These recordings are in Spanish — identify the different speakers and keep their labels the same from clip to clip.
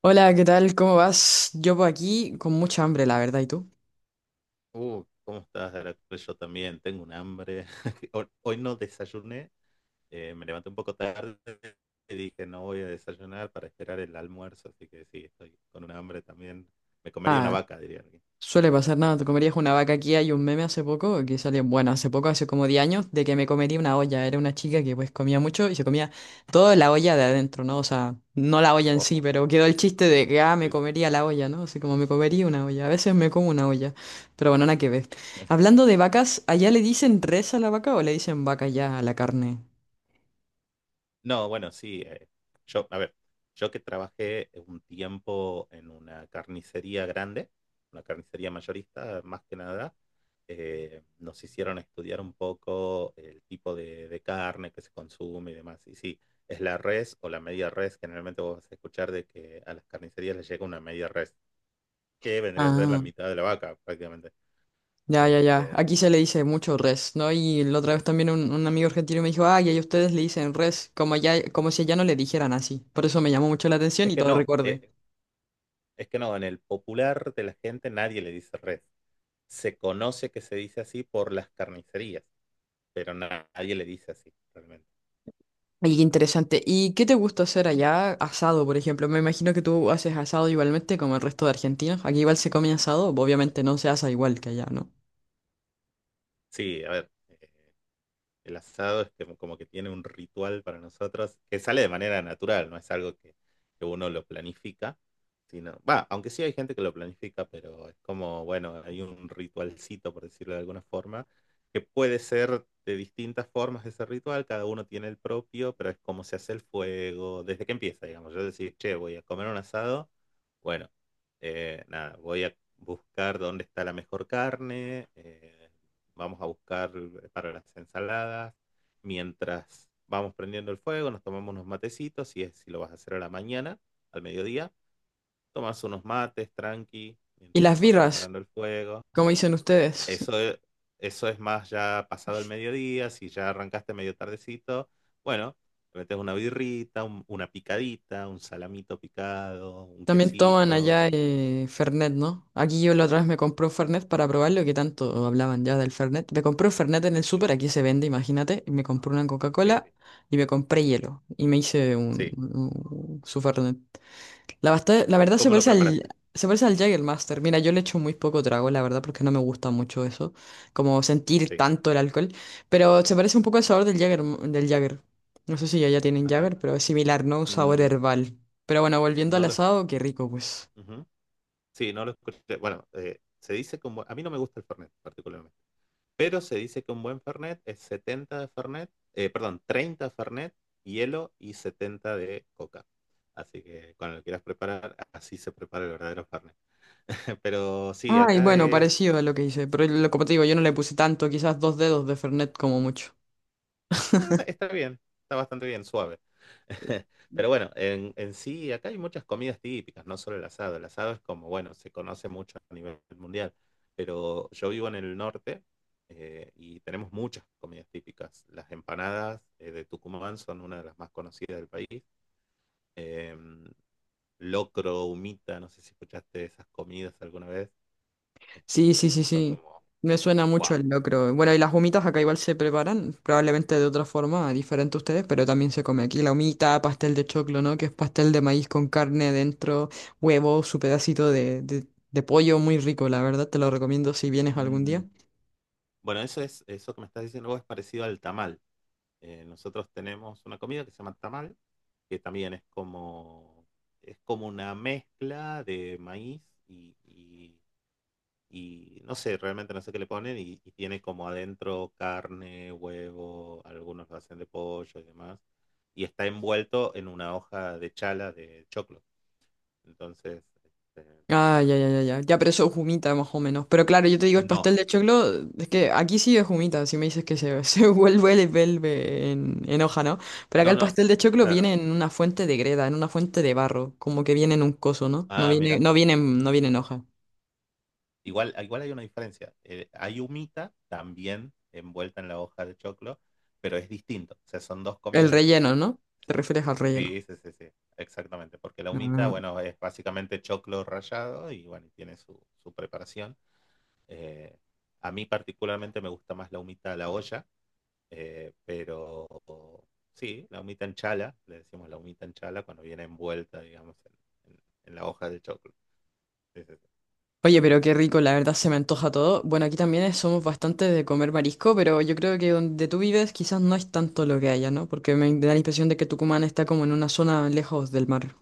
Speaker 1: Hola, ¿qué tal? ¿Cómo vas? Yo por aquí con mucha hambre, la verdad, ¿y tú?
Speaker 2: ¿Cómo estás, Heracles? Yo también tengo un hambre. Hoy no desayuné, me levanté un poco tarde y dije no voy a desayunar para esperar el almuerzo, así que sí, estoy con un hambre también. Me comería una
Speaker 1: Ah,
Speaker 2: vaca, diría alguien.
Speaker 1: suele pasar nada, te comerías una vaca aquí, hay un meme hace poco que salió, bueno, hace poco, hace como 10 años, de que me comería una olla, era una chica que pues comía mucho y se comía toda la olla de adentro, ¿no? O sea, no la olla en
Speaker 2: Oh,
Speaker 1: sí, pero quedó el chiste de que, ah, me
Speaker 2: sí, sí.
Speaker 1: comería la olla, ¿no? Así como me comería una olla, a veces me como una olla, pero bueno, nada que ver. Hablando de vacas, ¿allá le dicen res a la vaca o le dicen vaca ya a la carne?
Speaker 2: No, bueno, sí. Yo, a ver, yo que trabajé un tiempo en una carnicería grande, una carnicería mayorista, más que nada, nos hicieron estudiar un poco el tipo de carne que se consume y demás. Y sí, es la res o la media res. Generalmente vos vas a escuchar de que a las carnicerías les llega una media res, que vendría a ser la mitad de la vaca, prácticamente.
Speaker 1: Ya, ya, ya.
Speaker 2: Este,
Speaker 1: Aquí se le dice mucho res, ¿no? Y la otra vez también un amigo argentino me dijo, ay, ahí ustedes le dicen res, como ya, como si allá no le dijeran así. Por eso me llamó mucho la atención
Speaker 2: es
Speaker 1: y
Speaker 2: que
Speaker 1: todo
Speaker 2: no,
Speaker 1: recordé.
Speaker 2: eh, es que no, en el popular de la gente nadie le dice res. Se conoce que se dice así por las carnicerías, pero nadie le dice así realmente.
Speaker 1: Ay, qué interesante. ¿Y qué te gusta hacer allá? Asado, por ejemplo. Me imagino que tú haces asado igualmente como el resto de argentinos. Aquí igual se come asado, obviamente no se asa igual que allá, ¿no?
Speaker 2: Sí, a ver, el asado es que- como que tiene un ritual para nosotros que sale de manera natural, no es algo que uno lo planifica, sino, va, aunque sí hay gente que lo planifica, pero es como, bueno, hay un ritualcito, por decirlo de alguna forma, que puede ser de distintas formas ese ritual, cada uno tiene el propio, pero es como se hace el fuego, desde que empieza, digamos, yo decir, che, voy a comer un asado, bueno, nada, voy a buscar dónde está la mejor carne. Vamos a buscar para las ensaladas, mientras vamos prendiendo el fuego, nos tomamos unos matecitos, si, es, si lo vas a hacer a la mañana, al mediodía, tomas unos mates tranqui,
Speaker 1: ¿Y las
Speaker 2: mientras vas
Speaker 1: birras?
Speaker 2: preparando el fuego.
Speaker 1: ¿Cómo dicen ustedes?
Speaker 2: Eso es, eso es más ya pasado el mediodía, si ya arrancaste medio tardecito, bueno, le metes una birrita, un- una picadita, un salamito picado, un
Speaker 1: También toman
Speaker 2: quesito.
Speaker 1: allá
Speaker 2: Vas picando.
Speaker 1: Fernet, ¿no? Aquí yo la otra vez me compré un Fernet para probarlo, que tanto hablaban ya del Fernet. Me compré un Fernet en el
Speaker 2: Sí,
Speaker 1: súper, aquí se vende, imagínate. Y me compré una
Speaker 2: sí.
Speaker 1: Coca-Cola y me compré hielo. Y me hice
Speaker 2: Sí.
Speaker 1: su Fernet. La
Speaker 2: ¿Y
Speaker 1: verdad
Speaker 2: cómo lo preparaste?
Speaker 1: se parece al Jägermeister. Mira, yo le echo muy poco trago, la verdad, porque no me gusta mucho eso, como sentir
Speaker 2: Sí.
Speaker 1: tanto el alcohol. Pero se parece un poco al sabor del Jäger, del Jäger. No sé si ya tienen
Speaker 2: Ajá.
Speaker 1: Jäger, pero es similar, ¿no? Un sabor
Speaker 2: Mm,
Speaker 1: herbal. Pero bueno, volviendo
Speaker 2: no
Speaker 1: al
Speaker 2: lo...
Speaker 1: asado, qué rico, pues.
Speaker 2: Ujú. Sí, no lo escuché. Bueno, se dice que un buen- a mí no me gusta el Fernet particularmente, pero se dice que un buen Fernet es 70 de Fernet, perdón, 30 de Fernet, hielo y 70 de coca. Así que cuando lo quieras preparar, así se prepara el verdadero Fernet. Pero sí,
Speaker 1: Ay,
Speaker 2: acá
Speaker 1: bueno,
Speaker 2: es.
Speaker 1: parecido a lo que hice, pero como te digo, yo no le puse tanto, quizás dos dedos de Fernet como mucho.
Speaker 2: Bueno, está bien, está bastante bien, suave. Pero bueno, en sí, acá hay muchas comidas típicas, no solo el asado. El asado es como, bueno, se conoce mucho a nivel mundial, pero yo vivo en el norte, y tenemos muchas comidas típicas. Las empanadas de Tucumán son una de las más conocidas del país. Em, locro, humita, no sé si escuchaste esas comidas alguna vez.
Speaker 1: Sí, sí,
Speaker 2: Este,
Speaker 1: sí,
Speaker 2: son
Speaker 1: sí.
Speaker 2: como,
Speaker 1: Me suena mucho
Speaker 2: wow.
Speaker 1: el locro. Bueno, y las humitas acá igual se preparan, probablemente de otra forma, diferente a ustedes, pero también se come aquí la humita, pastel de choclo, ¿no? Que es pastel de maíz con carne dentro, huevo, su pedacito de pollo, muy rico, la verdad, te lo recomiendo si vienes algún
Speaker 2: Mm.
Speaker 1: día.
Speaker 2: Bueno, eso es, eso que me estás diciendo vos es parecido al tamal. Nosotros tenemos una comida que se llama tamal, que también es como una mezcla de maíz y, y- y no sé, realmente no sé qué le ponen y tiene como adentro carne, huevo, algunos lo hacen de pollo y demás. Y está envuelto en una hoja de chala de choclo. Entonces, este,
Speaker 1: Ah,
Speaker 2: nada.
Speaker 1: ya, ya, ya, ya. Ya, pero eso es humita más o menos. Pero claro, yo te digo, el
Speaker 2: No,
Speaker 1: pastel de choclo, es que aquí sí es humita, si me dices que se, se vuelve, le vuelve en hoja, ¿no? Pero acá
Speaker 2: no,
Speaker 1: el
Speaker 2: no,
Speaker 1: pastel de choclo
Speaker 2: claro.
Speaker 1: viene en una fuente de greda, en una fuente de barro, como que viene en un coso, ¿no? No
Speaker 2: Ah,
Speaker 1: viene,
Speaker 2: mira.
Speaker 1: no viene, no viene en hoja.
Speaker 2: Igual, igual hay una diferencia. Hay humita también envuelta en la hoja de choclo, pero es distinto. O sea, son dos
Speaker 1: El
Speaker 2: comidas distintas.
Speaker 1: relleno, ¿no? Te refieres al relleno.
Speaker 2: Sí, sí, sí, sí, exactamente. Porque la humita,
Speaker 1: Ah.
Speaker 2: bueno, es básicamente choclo rallado y bueno, y tiene su, su preparación. Eh, a mí particularmente me gusta más la humita a la olla, pero sí, la humita en chala, le decimos la humita en chala cuando viene envuelta, digamos, en- en la hoja de choclo. Sí, sí, sí.
Speaker 1: Oye, pero qué rico, la verdad se me antoja todo. Bueno, aquí somos bastante de comer marisco, pero yo creo que donde tú vives quizás no es tanto lo que haya, ¿no? Porque me da la impresión de que Tucumán está como en una zona lejos del mar.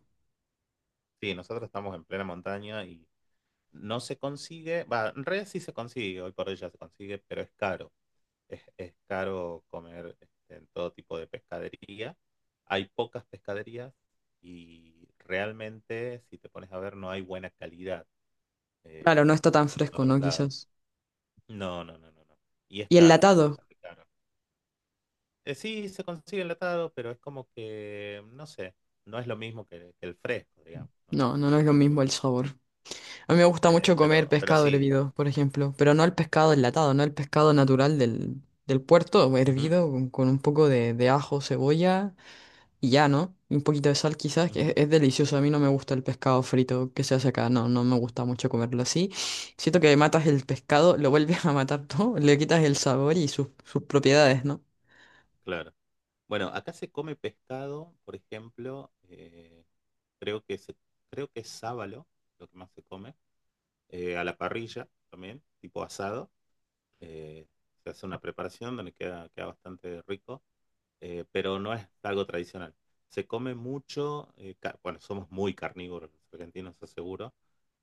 Speaker 2: Sí, nosotros estamos en plena montaña y no se consigue, va, en realidad sí se consigue, hoy por hoy ya se consigue, pero es caro. Es caro comer este, en todo tipo de pescadería. Hay pocas pescaderías y realmente, si te pones a ver, no hay buena calidad,
Speaker 1: Claro,
Speaker 2: eh,
Speaker 1: no está tan
Speaker 2: como en
Speaker 1: fresco, ¿no?
Speaker 2: otros lados.
Speaker 1: Quizás.
Speaker 2: No, no, no, no, no. Y es
Speaker 1: ¿Y
Speaker 2: caro, es
Speaker 1: enlatado?
Speaker 2: bastante caro. Sí, se consigue enlatado, pero es como que, no sé, no es lo mismo que el fresco, digamos. No,
Speaker 1: No, no, no es lo
Speaker 2: no es lo
Speaker 1: mismo
Speaker 2: mismo.
Speaker 1: el sabor. A mí me gusta mucho comer
Speaker 2: Pero
Speaker 1: pescado
Speaker 2: sí.
Speaker 1: hervido, por ejemplo, pero no el pescado enlatado, no el pescado natural del, del puerto,
Speaker 2: Ujú,
Speaker 1: hervido con un poco de ajo, cebolla y ya, ¿no? Y un poquito de sal quizás, que
Speaker 2: ujú,
Speaker 1: es delicioso. A mí no me gusta el pescado frito que se hace acá, no, no me gusta mucho comerlo así. Siento que matas el pescado, lo vuelves a matar todo, le quitas el sabor y sus, sus propiedades, ¿no?
Speaker 2: claro. Bueno, acá se come pescado, por ejemplo, creo que se, creo que es sábalo, lo que más se come, a la parrilla también, tipo asado. eh, Se hace una preparación donde queda, queda bastante rico, pero no es algo tradicional. Se come mucho, ca- bueno, somos muy carnívoros los argentinos, eso seguro,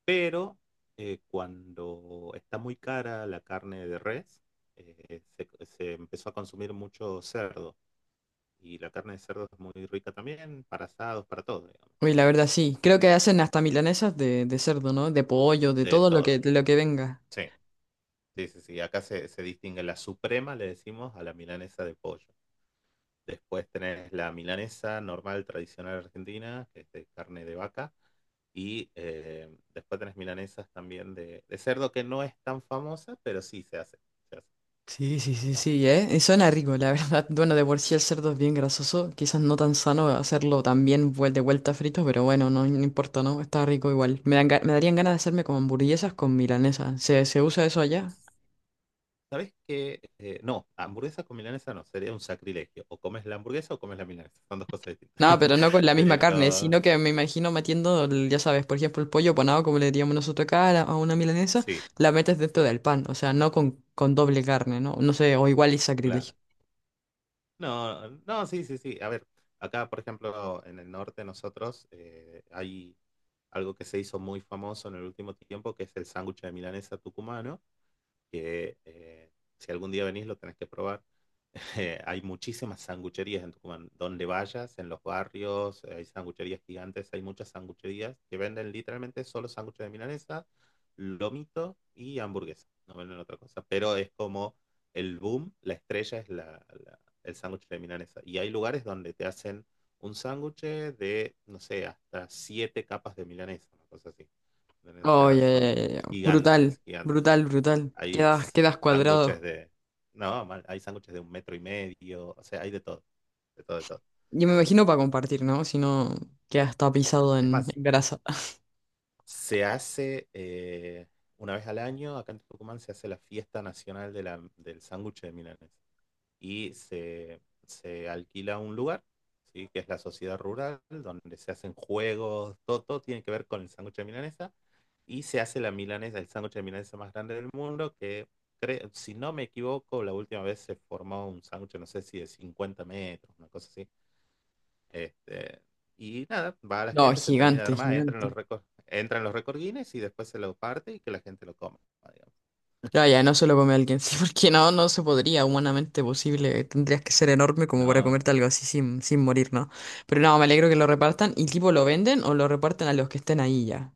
Speaker 2: pero cuando está muy cara la carne de res, se empezó a consumir mucho cerdo. Y la carne de cerdo es muy rica también, para asados, para todo, digamos.
Speaker 1: Uy, la
Speaker 2: Así que,
Speaker 1: verdad sí. Creo
Speaker 2: sí,
Speaker 1: que
Speaker 2: sí,
Speaker 1: hacen hasta milanesas de cerdo, ¿no? De pollo, de
Speaker 2: de
Speaker 1: todo lo que,
Speaker 2: todo.
Speaker 1: de lo que venga.
Speaker 2: Sí, sí, sí, sí. Acá se, se distingue la suprema, le decimos, a la milanesa de pollo. Después tenés la milanesa normal, tradicional argentina, que es de carne de vaca. Y después tenés milanesas también de cerdo, que no es tan famosa, pero sí se hace. Se hace.
Speaker 1: Sí, sí, sí, sí, ¿eh? Y suena rico, la verdad. Bueno, de por sí el cerdo es bien grasoso. Quizás no tan sano hacerlo también de vuelta frito, pero bueno, no, no importa, ¿no? Está rico igual. Me dan me darían ganas de hacerme como hamburguesas con milanesa. ¿Se, se usa eso allá?
Speaker 2: ¿Sabés qué? No, hamburguesa con milanesa no, sería un sacrilegio. O comes la hamburguesa o comes la milanesa, son dos cosas distintas.
Speaker 1: No, pero no con la misma carne,
Speaker 2: Pero
Speaker 1: sino que me imagino metiendo, ya sabes, por ejemplo, el pollo panado, como le diríamos nosotros acá, a a una milanesa,
Speaker 2: sí,
Speaker 1: la metes dentro del pan, o sea, no con, con doble carne, ¿no? No sé, o igual es sacrilegio.
Speaker 2: claro. No, no, sí, sí, sí. A ver, acá, por ejemplo, en el norte nosotros hay algo que se hizo muy famoso en el último tiempo, que es el sándwich de milanesa tucumano, que si algún día venís lo tenés que probar. Hay muchísimas sangucherías en Tucumán. Donde vayas, en los barrios, hay sangucherías gigantes, hay muchas sangucherías que venden literalmente solo sándwiches de milanesa, lomito y hamburguesa. No venden otra cosa. Pero es como el boom, la estrella es la, la- el sándwich de milanesa. Y hay lugares donde te hacen un sándwich de, no sé, hasta siete capas de milanesa, una cosa así. O sea, son
Speaker 1: Oye, brutal,
Speaker 2: gigantes, gigantes,
Speaker 1: brutal,
Speaker 2: gigantes.
Speaker 1: brutal.
Speaker 2: Hay
Speaker 1: Quedas, quedas
Speaker 2: sándwiches
Speaker 1: cuadrado.
Speaker 2: de... No, mal, hay sándwiches de un metro y medio, o sea, hay de todo, de todo, de todo.
Speaker 1: Yo me imagino para compartir, ¿no? Si no, quedas tapizado
Speaker 2: Es más,
Speaker 1: en grasa.
Speaker 2: se hace una vez al año, acá en Tucumán se hace la fiesta nacional de la- del sándwich de milanesa. Y se alquila un lugar, ¿sí? Que es la sociedad rural, donde se hacen juegos, todo, todo tiene que ver con el sándwich de milanesa, y se hace la milanesa, el sándwich de milanesa más grande del mundo, que cre- si no me equivoco, la última vez se formó un sándwich, no sé si de 50 metros, una cosa así. Este, y nada, va la
Speaker 1: No,
Speaker 2: gente, se termina de
Speaker 1: gigante,
Speaker 2: armar, entra en los
Speaker 1: gigante.
Speaker 2: récords, entra en los récords Guinness y después se lo parte y que la gente lo coma, digamos.
Speaker 1: Ya, ya, no se lo come a alguien, sí, porque no, no se podría, humanamente posible. Tendrías que ser enorme como para
Speaker 2: No, no.
Speaker 1: comerte algo así sin, sin morir, ¿no? Pero no, me alegro que lo repartan. ¿Y tipo lo venden o lo reparten a los que estén ahí ya?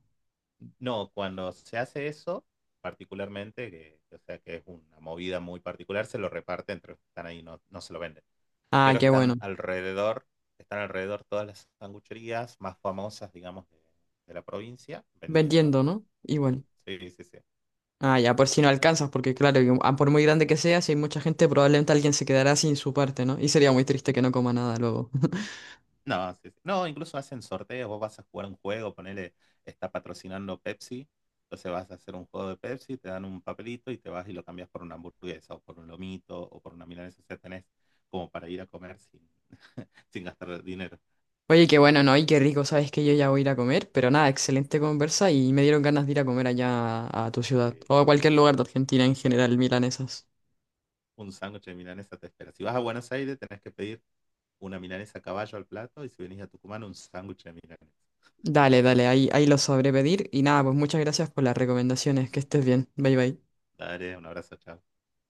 Speaker 2: No, cuando se hace eso, particularmente, que, o sea que es una movida muy particular, se lo reparte entre los que están ahí, no, no se lo venden.
Speaker 1: Ah,
Speaker 2: Pero
Speaker 1: qué bueno.
Speaker 2: están alrededor todas las sangucherías más famosas, digamos, de la provincia, vendiendo,
Speaker 1: Vendiendo, ¿no?
Speaker 2: vendiendo.
Speaker 1: Igual.
Speaker 2: Sí, sí, sí.
Speaker 1: Ah, ya, por si no alcanzas, porque claro, ah, por muy grande que sea, si hay mucha gente, probablemente alguien se quedará sin su parte, ¿no? Y sería muy triste que no coma nada luego.
Speaker 2: No, sí, sí. No, incluso hacen sorteos, vos vas a jugar un juego, ponele, está patrocinando Pepsi, entonces vas a hacer un juego de Pepsi, te dan un papelito y te vas y lo cambias por una hamburguesa o por un lomito o por una milanesa, o sea, tenés como para ir a comer sin, sin gastar dinero.
Speaker 1: Oye, qué bueno, ¿no? Y qué rico, sabes que yo ya voy a ir a comer, pero nada, excelente conversa y me dieron ganas de ir a comer allá a tu ciudad
Speaker 2: Eh,
Speaker 1: o a cualquier lugar de Argentina en general, milanesas.
Speaker 2: un sándwich de milanesa te espera. Si vas a Buenos Aires, tenés que pedir una milanesa a caballo al plato y si venís a Tucumán, un sándwich de milanesa.
Speaker 1: Dale, dale, ahí, ahí lo sabré pedir y nada, pues muchas gracias por las recomendaciones, que estés bien, bye bye.
Speaker 2: Dale, un abrazo, chao.